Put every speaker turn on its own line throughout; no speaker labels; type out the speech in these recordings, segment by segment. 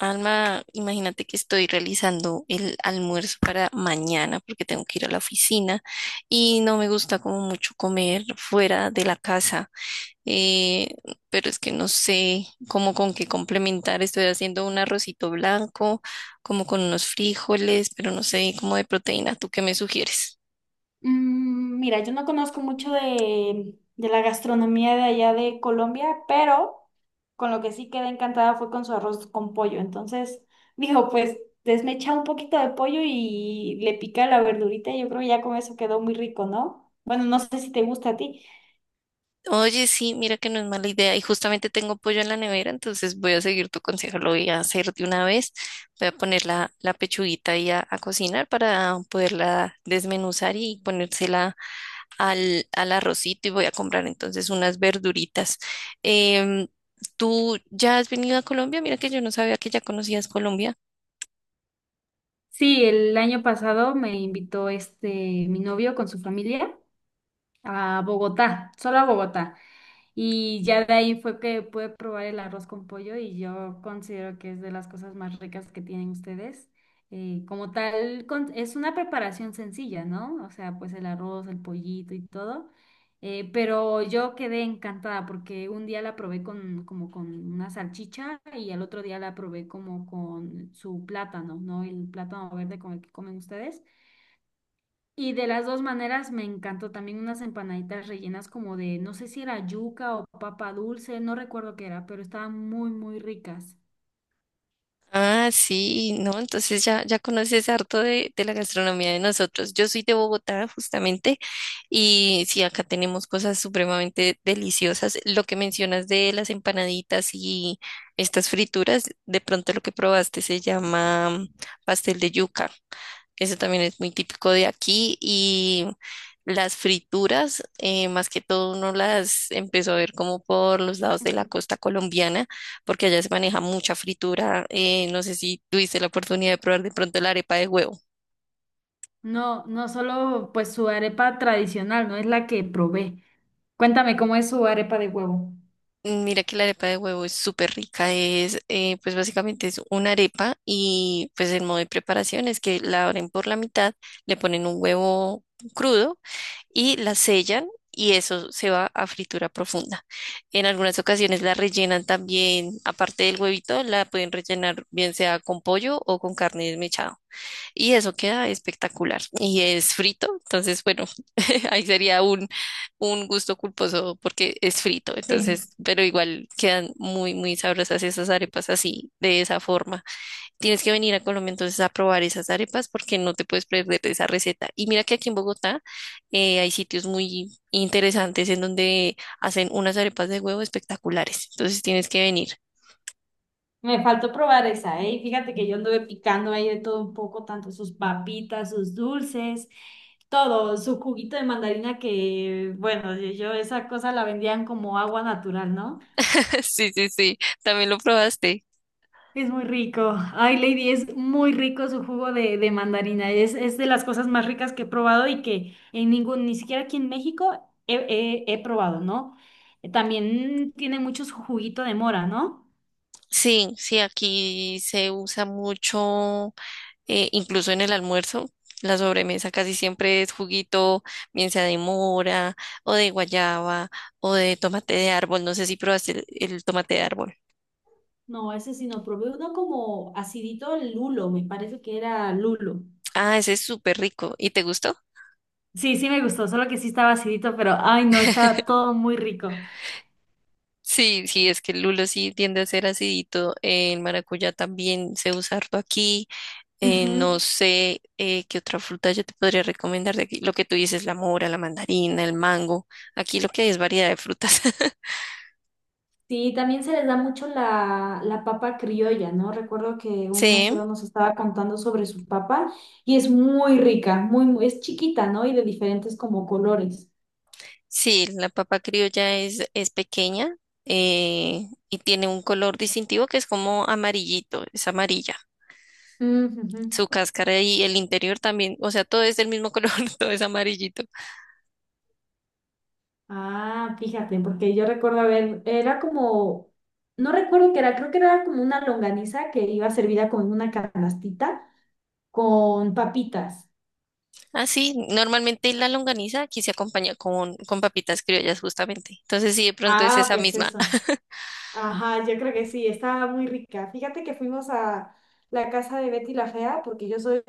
Alma, imagínate que estoy realizando el almuerzo para mañana porque tengo que ir a la oficina y no me gusta como mucho comer fuera de la casa. eh, pero es que no sé cómo, con qué complementar. Estoy haciendo un arrocito blanco, como con unos frijoles, pero no sé, como de proteína. ¿Tú qué me sugieres?
Mira, yo no conozco mucho de la gastronomía de allá de Colombia, pero con lo que sí quedé encantada fue con su arroz con pollo. Entonces, dijo, pues desmecha un poquito de pollo y le pica la verdurita. Yo creo que ya con eso quedó muy rico, ¿no? Bueno, no sé si te gusta a ti.
Oye, sí, mira que no es mala idea. Y justamente tengo pollo en la nevera, entonces voy a seguir tu consejo, lo voy a hacer de una vez. Voy a poner la pechuguita ahí a cocinar para poderla desmenuzar y ponérsela al arrocito, y voy a comprar entonces unas verduritas. Em, ¿Tú ya has venido a Colombia? Mira que yo no sabía que ya conocías Colombia.
Sí, el año pasado me invitó mi novio con su familia a Bogotá, solo a Bogotá. Y ya de ahí fue que pude probar el arroz con pollo y yo considero que es de las cosas más ricas que tienen ustedes. Como tal, es una preparación sencilla, ¿no? O sea, pues el arroz, el pollito y todo. Pero yo quedé encantada porque un día la probé con, como con una salchicha y al otro día la probé como con su plátano, ¿no? El plátano verde con el que comen ustedes. Y de las dos maneras me encantó también unas empanaditas rellenas como de, no sé si era yuca o papa dulce, no recuerdo qué era, pero estaban muy, muy ricas.
Ah, sí, no, entonces ya conoces harto de la gastronomía de nosotros. Yo soy de Bogotá, justamente, y sí, acá tenemos cosas supremamente deliciosas. Lo que mencionas de las empanaditas y estas frituras, de pronto lo que probaste se llama pastel de yuca. Ese también es muy típico de aquí, y las frituras, más que todo uno las empezó a ver como por los lados de la
Ujú.
costa colombiana, porque allá se maneja mucha fritura. No sé si tuviste la oportunidad de probar de pronto la arepa de huevo.
No, no solo pues su arepa tradicional, no es la que probé. Cuéntame cómo es su arepa de huevo.
Mira que la arepa de huevo es súper rica, es pues básicamente es una arepa, y pues el modo de preparación es que la abren por la mitad, le ponen un huevo crudo y la sellan, y eso se va a fritura profunda. En algunas ocasiones la rellenan también, aparte del huevito, la pueden rellenar bien sea con pollo o con carne desmechada. Y eso queda espectacular. Y es frito, entonces bueno, ahí sería un gusto culposo porque es frito.
Sí,
Entonces, pero igual quedan muy, muy sabrosas esas arepas así, de esa forma. Tienes que venir a Colombia entonces a probar esas arepas porque no te puedes perder de esa receta. Y mira que aquí en Bogotá hay sitios muy interesantes en donde hacen unas arepas de huevo espectaculares. Entonces tienes que venir.
me faltó probar esa, ¿eh? Y fíjate que yo anduve picando ahí de todo un poco, tanto sus papitas, sus dulces, todo, su juguito de mandarina que, bueno, yo esa cosa la vendían como agua natural, no.
Sí, sí, sí. También lo probaste.
Es muy rico. Ay, Lady, es muy rico su jugo de mandarina. Es de las cosas más ricas que he probado y que en ningún, ni siquiera aquí en México he probado, ¿no? También tiene mucho su juguito de mora, ¿no?
Sí, sí, aquí se usa mucho, incluso en el almuerzo. La sobremesa casi siempre es juguito, bien sea de mora o de guayaba o de tomate de árbol. No sé si probaste el tomate de árbol.
No, ese sí no, probé uno como acidito lulo, me parece que era lulo.
Ah, ese es súper rico. ¿Y te gustó?
Sí, sí me gustó, solo que sí estaba acidito, pero ay, no, está todo muy rico.
Sí, sí, es que el lulo sí tiende a ser acidito. El maracuyá también se usa harto aquí. No
Ujú.
sé qué otra fruta yo te podría recomendar de aquí. Lo que tú dices, la mora, la mandarina, el mango. Aquí lo que hay es variedad de frutas.
Sí, también se les da mucho la papa criolla, ¿no? Recuerdo que un
Sí,
mesero nos estaba contando sobre su papa y es muy rica, muy, muy, es chiquita, ¿no? Y de diferentes como colores.
sí, la papa criolla es pequeña, y tiene un color distintivo que es como amarillito, es amarilla.
Mm, ujú.
Su cáscara y el interior también, o sea, todo es del mismo color, todo es amarillito.
Ah, fíjate, porque yo recuerdo, a ver, era como, no recuerdo qué era, creo que era como una longaniza que iba servida con una canastita con papitas.
Ah, sí, normalmente la longaniza aquí se acompaña con papitas criollas justamente. Entonces, sí, de pronto es
Ah,
esa
pues
misma.
eso. Ajá, yo creo que sí, estaba muy rica. Fíjate que fuimos a la casa de Betty la Fea, porque yo soy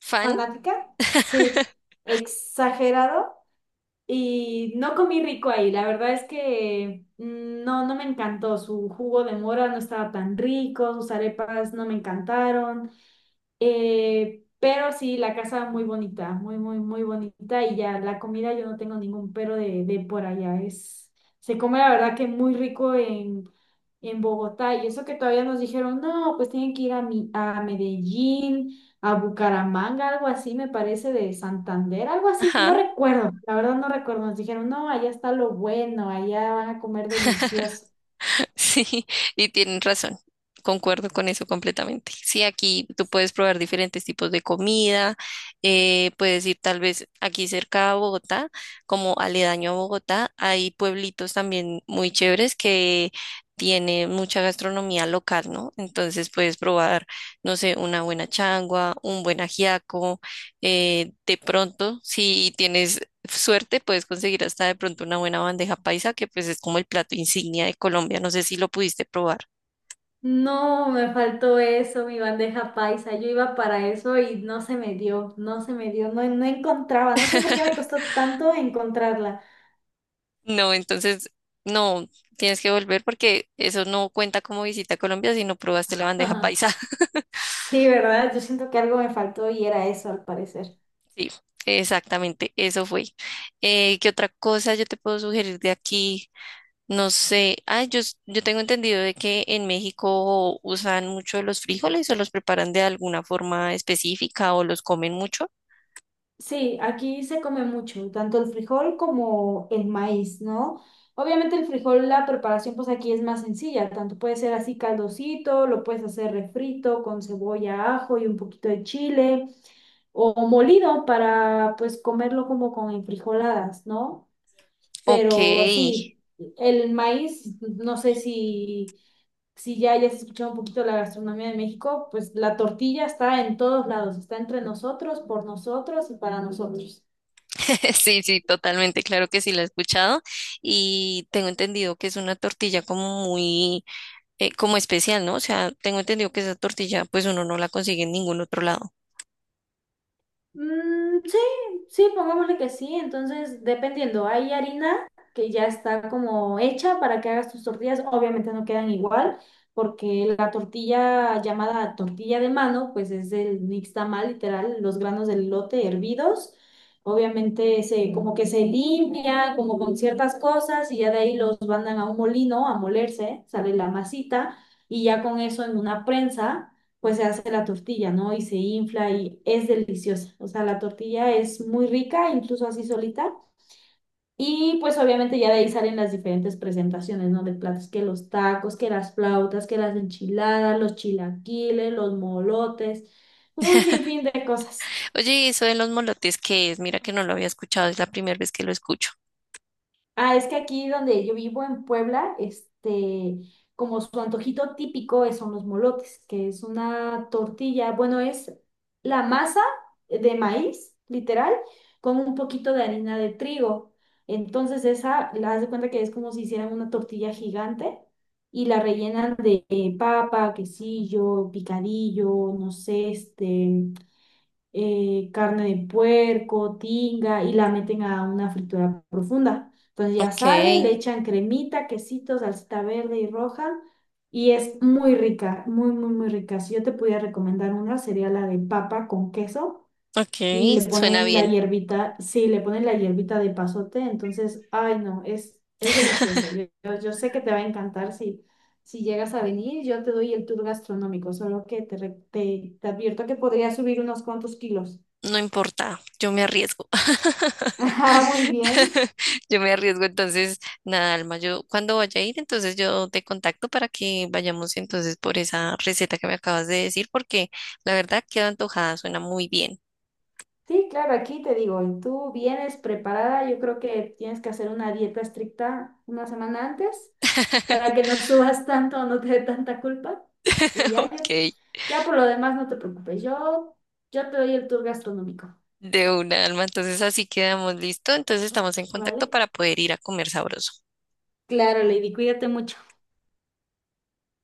Fan.
fanática, sí, exagerado y no comí rico ahí. La verdad es que no, no me encantó. Su jugo de mora no estaba tan rico, sus arepas no me encantaron. Pero sí, la casa muy bonita, muy, muy, muy bonita. Y ya la comida, yo no tengo ningún pero de por allá. Se come la verdad que muy rico en Bogotá. Y eso que todavía nos dijeron, no, pues tienen que ir a, a Medellín, a Bucaramanga, algo así, me parece, de Santander, algo así. No
Ajá.
recuerdo, la verdad no recuerdo. Nos dijeron, no, allá está lo bueno, allá van a comer delicioso.
Sí, y tienen razón. Concuerdo con eso completamente. Sí, aquí tú puedes probar diferentes tipos de comida, puedes ir tal vez aquí cerca a Bogotá, como aledaño a Bogotá, hay pueblitos también muy chéveres que tienen mucha gastronomía local, ¿no? Entonces puedes probar, no sé, una buena changua, un buen ajiaco, de pronto, si tienes suerte puedes conseguir hasta de pronto una buena bandeja paisa, que pues es como el plato insignia de Colombia. No sé si lo pudiste probar.
No, me faltó eso, mi bandeja paisa. Yo iba para eso y no se me dio, no se me dio, no, no encontraba, no sé por qué me costó tanto encontrarla.
No, entonces no, tienes que volver porque eso no cuenta como visita a Colombia si no probaste la bandeja
Ajá.
paisa.
Sí, ¿verdad? Yo siento que algo me faltó y era eso, al parecer.
Sí, exactamente, eso fue. ¿Qué otra cosa yo te puedo sugerir de aquí? No sé, ah, yo tengo entendido de que en México usan mucho los frijoles o los preparan de alguna forma específica o los comen mucho.
Sí, aquí se come mucho, tanto el frijol como el maíz, ¿no? Obviamente el frijol, la preparación pues aquí es más sencilla, tanto puede ser así caldosito, lo puedes hacer refrito con cebolla, ajo y un poquito de chile, o molido para pues comerlo como con enfrijoladas, ¿no?
Ok.
Pero sí, el maíz, no sé si ya hayas escuchado un poquito la gastronomía de México, pues la tortilla está en todos lados, está entre nosotros, por nosotros y para nosotros.
Sí, sí, totalmente, claro que sí la he escuchado, y tengo entendido que es una tortilla como muy, como especial, ¿no? O sea, tengo entendido que esa tortilla pues uno no la consigue en ningún otro lado.
Mm, sí, sí, pongámosle que sí. Entonces, dependiendo, hay harina que ya está como hecha para que hagas tus tortillas. Obviamente no quedan igual, porque la tortilla llamada tortilla de mano, pues es el nixtamal, literal, los granos del lote hervidos. Obviamente como que se limpia, como con ciertas cosas, y ya de ahí los mandan a un molino a molerse, sale la masita, y ya con eso en una prensa pues se hace la tortilla, ¿no? Y se infla y es deliciosa. O sea, la tortilla es muy rica, incluso así solita. Y pues obviamente ya de ahí salen las diferentes presentaciones, ¿no? De platos, que los tacos, que las flautas, que las enchiladas, los chilaquiles, los molotes, un sinfín de cosas.
Oye, ¿y eso de los molotes qué es? Mira que no lo había escuchado, es la primera vez que lo escucho.
Ah, es que aquí donde yo vivo en Puebla, como su antojito típico son los molotes, que es una tortilla, bueno, es la masa de maíz, literal, con un poquito de harina de trigo. Entonces esa, la haz de cuenta que es como si hicieran una tortilla gigante y la rellenan de papa, quesillo, picadillo, no sé, carne de puerco, tinga y la meten a una fritura profunda. Entonces ya
Ok,
sale, le echan cremita, quesito, salsita verde y roja y es muy rica, muy, muy, muy rica. Si yo te pudiera recomendar una, sería la de papa con queso y
ok,
le
suena
ponen la
bien.
hierbita, sí, le ponen la hierbita de pasote, entonces, ay no, es deliciosa. Yo sé que te va a encantar si... Si llegas a venir, yo te doy el tour gastronómico, solo que te advierto que podría subir unos cuantos kilos.
No importa, yo me arriesgo.
Ah, muy bien.
Yo me arriesgo, entonces, nada, Alma, yo cuando vaya a ir, entonces yo te contacto para que vayamos entonces por esa receta que me acabas de decir, porque la verdad queda antojada, suena muy bien.
Sí, claro, aquí te digo, y tú vienes preparada, yo creo que tienes que hacer una dieta estricta una semana antes para que no subas tanto, no te dé tanta culpa. Y ya, ya,
Ok,
ya por lo demás no te preocupes, yo te doy el tour gastronómico,
de una, Alma, entonces así quedamos listo, entonces estamos en contacto
¿vale?
para poder ir a comer sabroso.
Claro, Lady, cuídate mucho.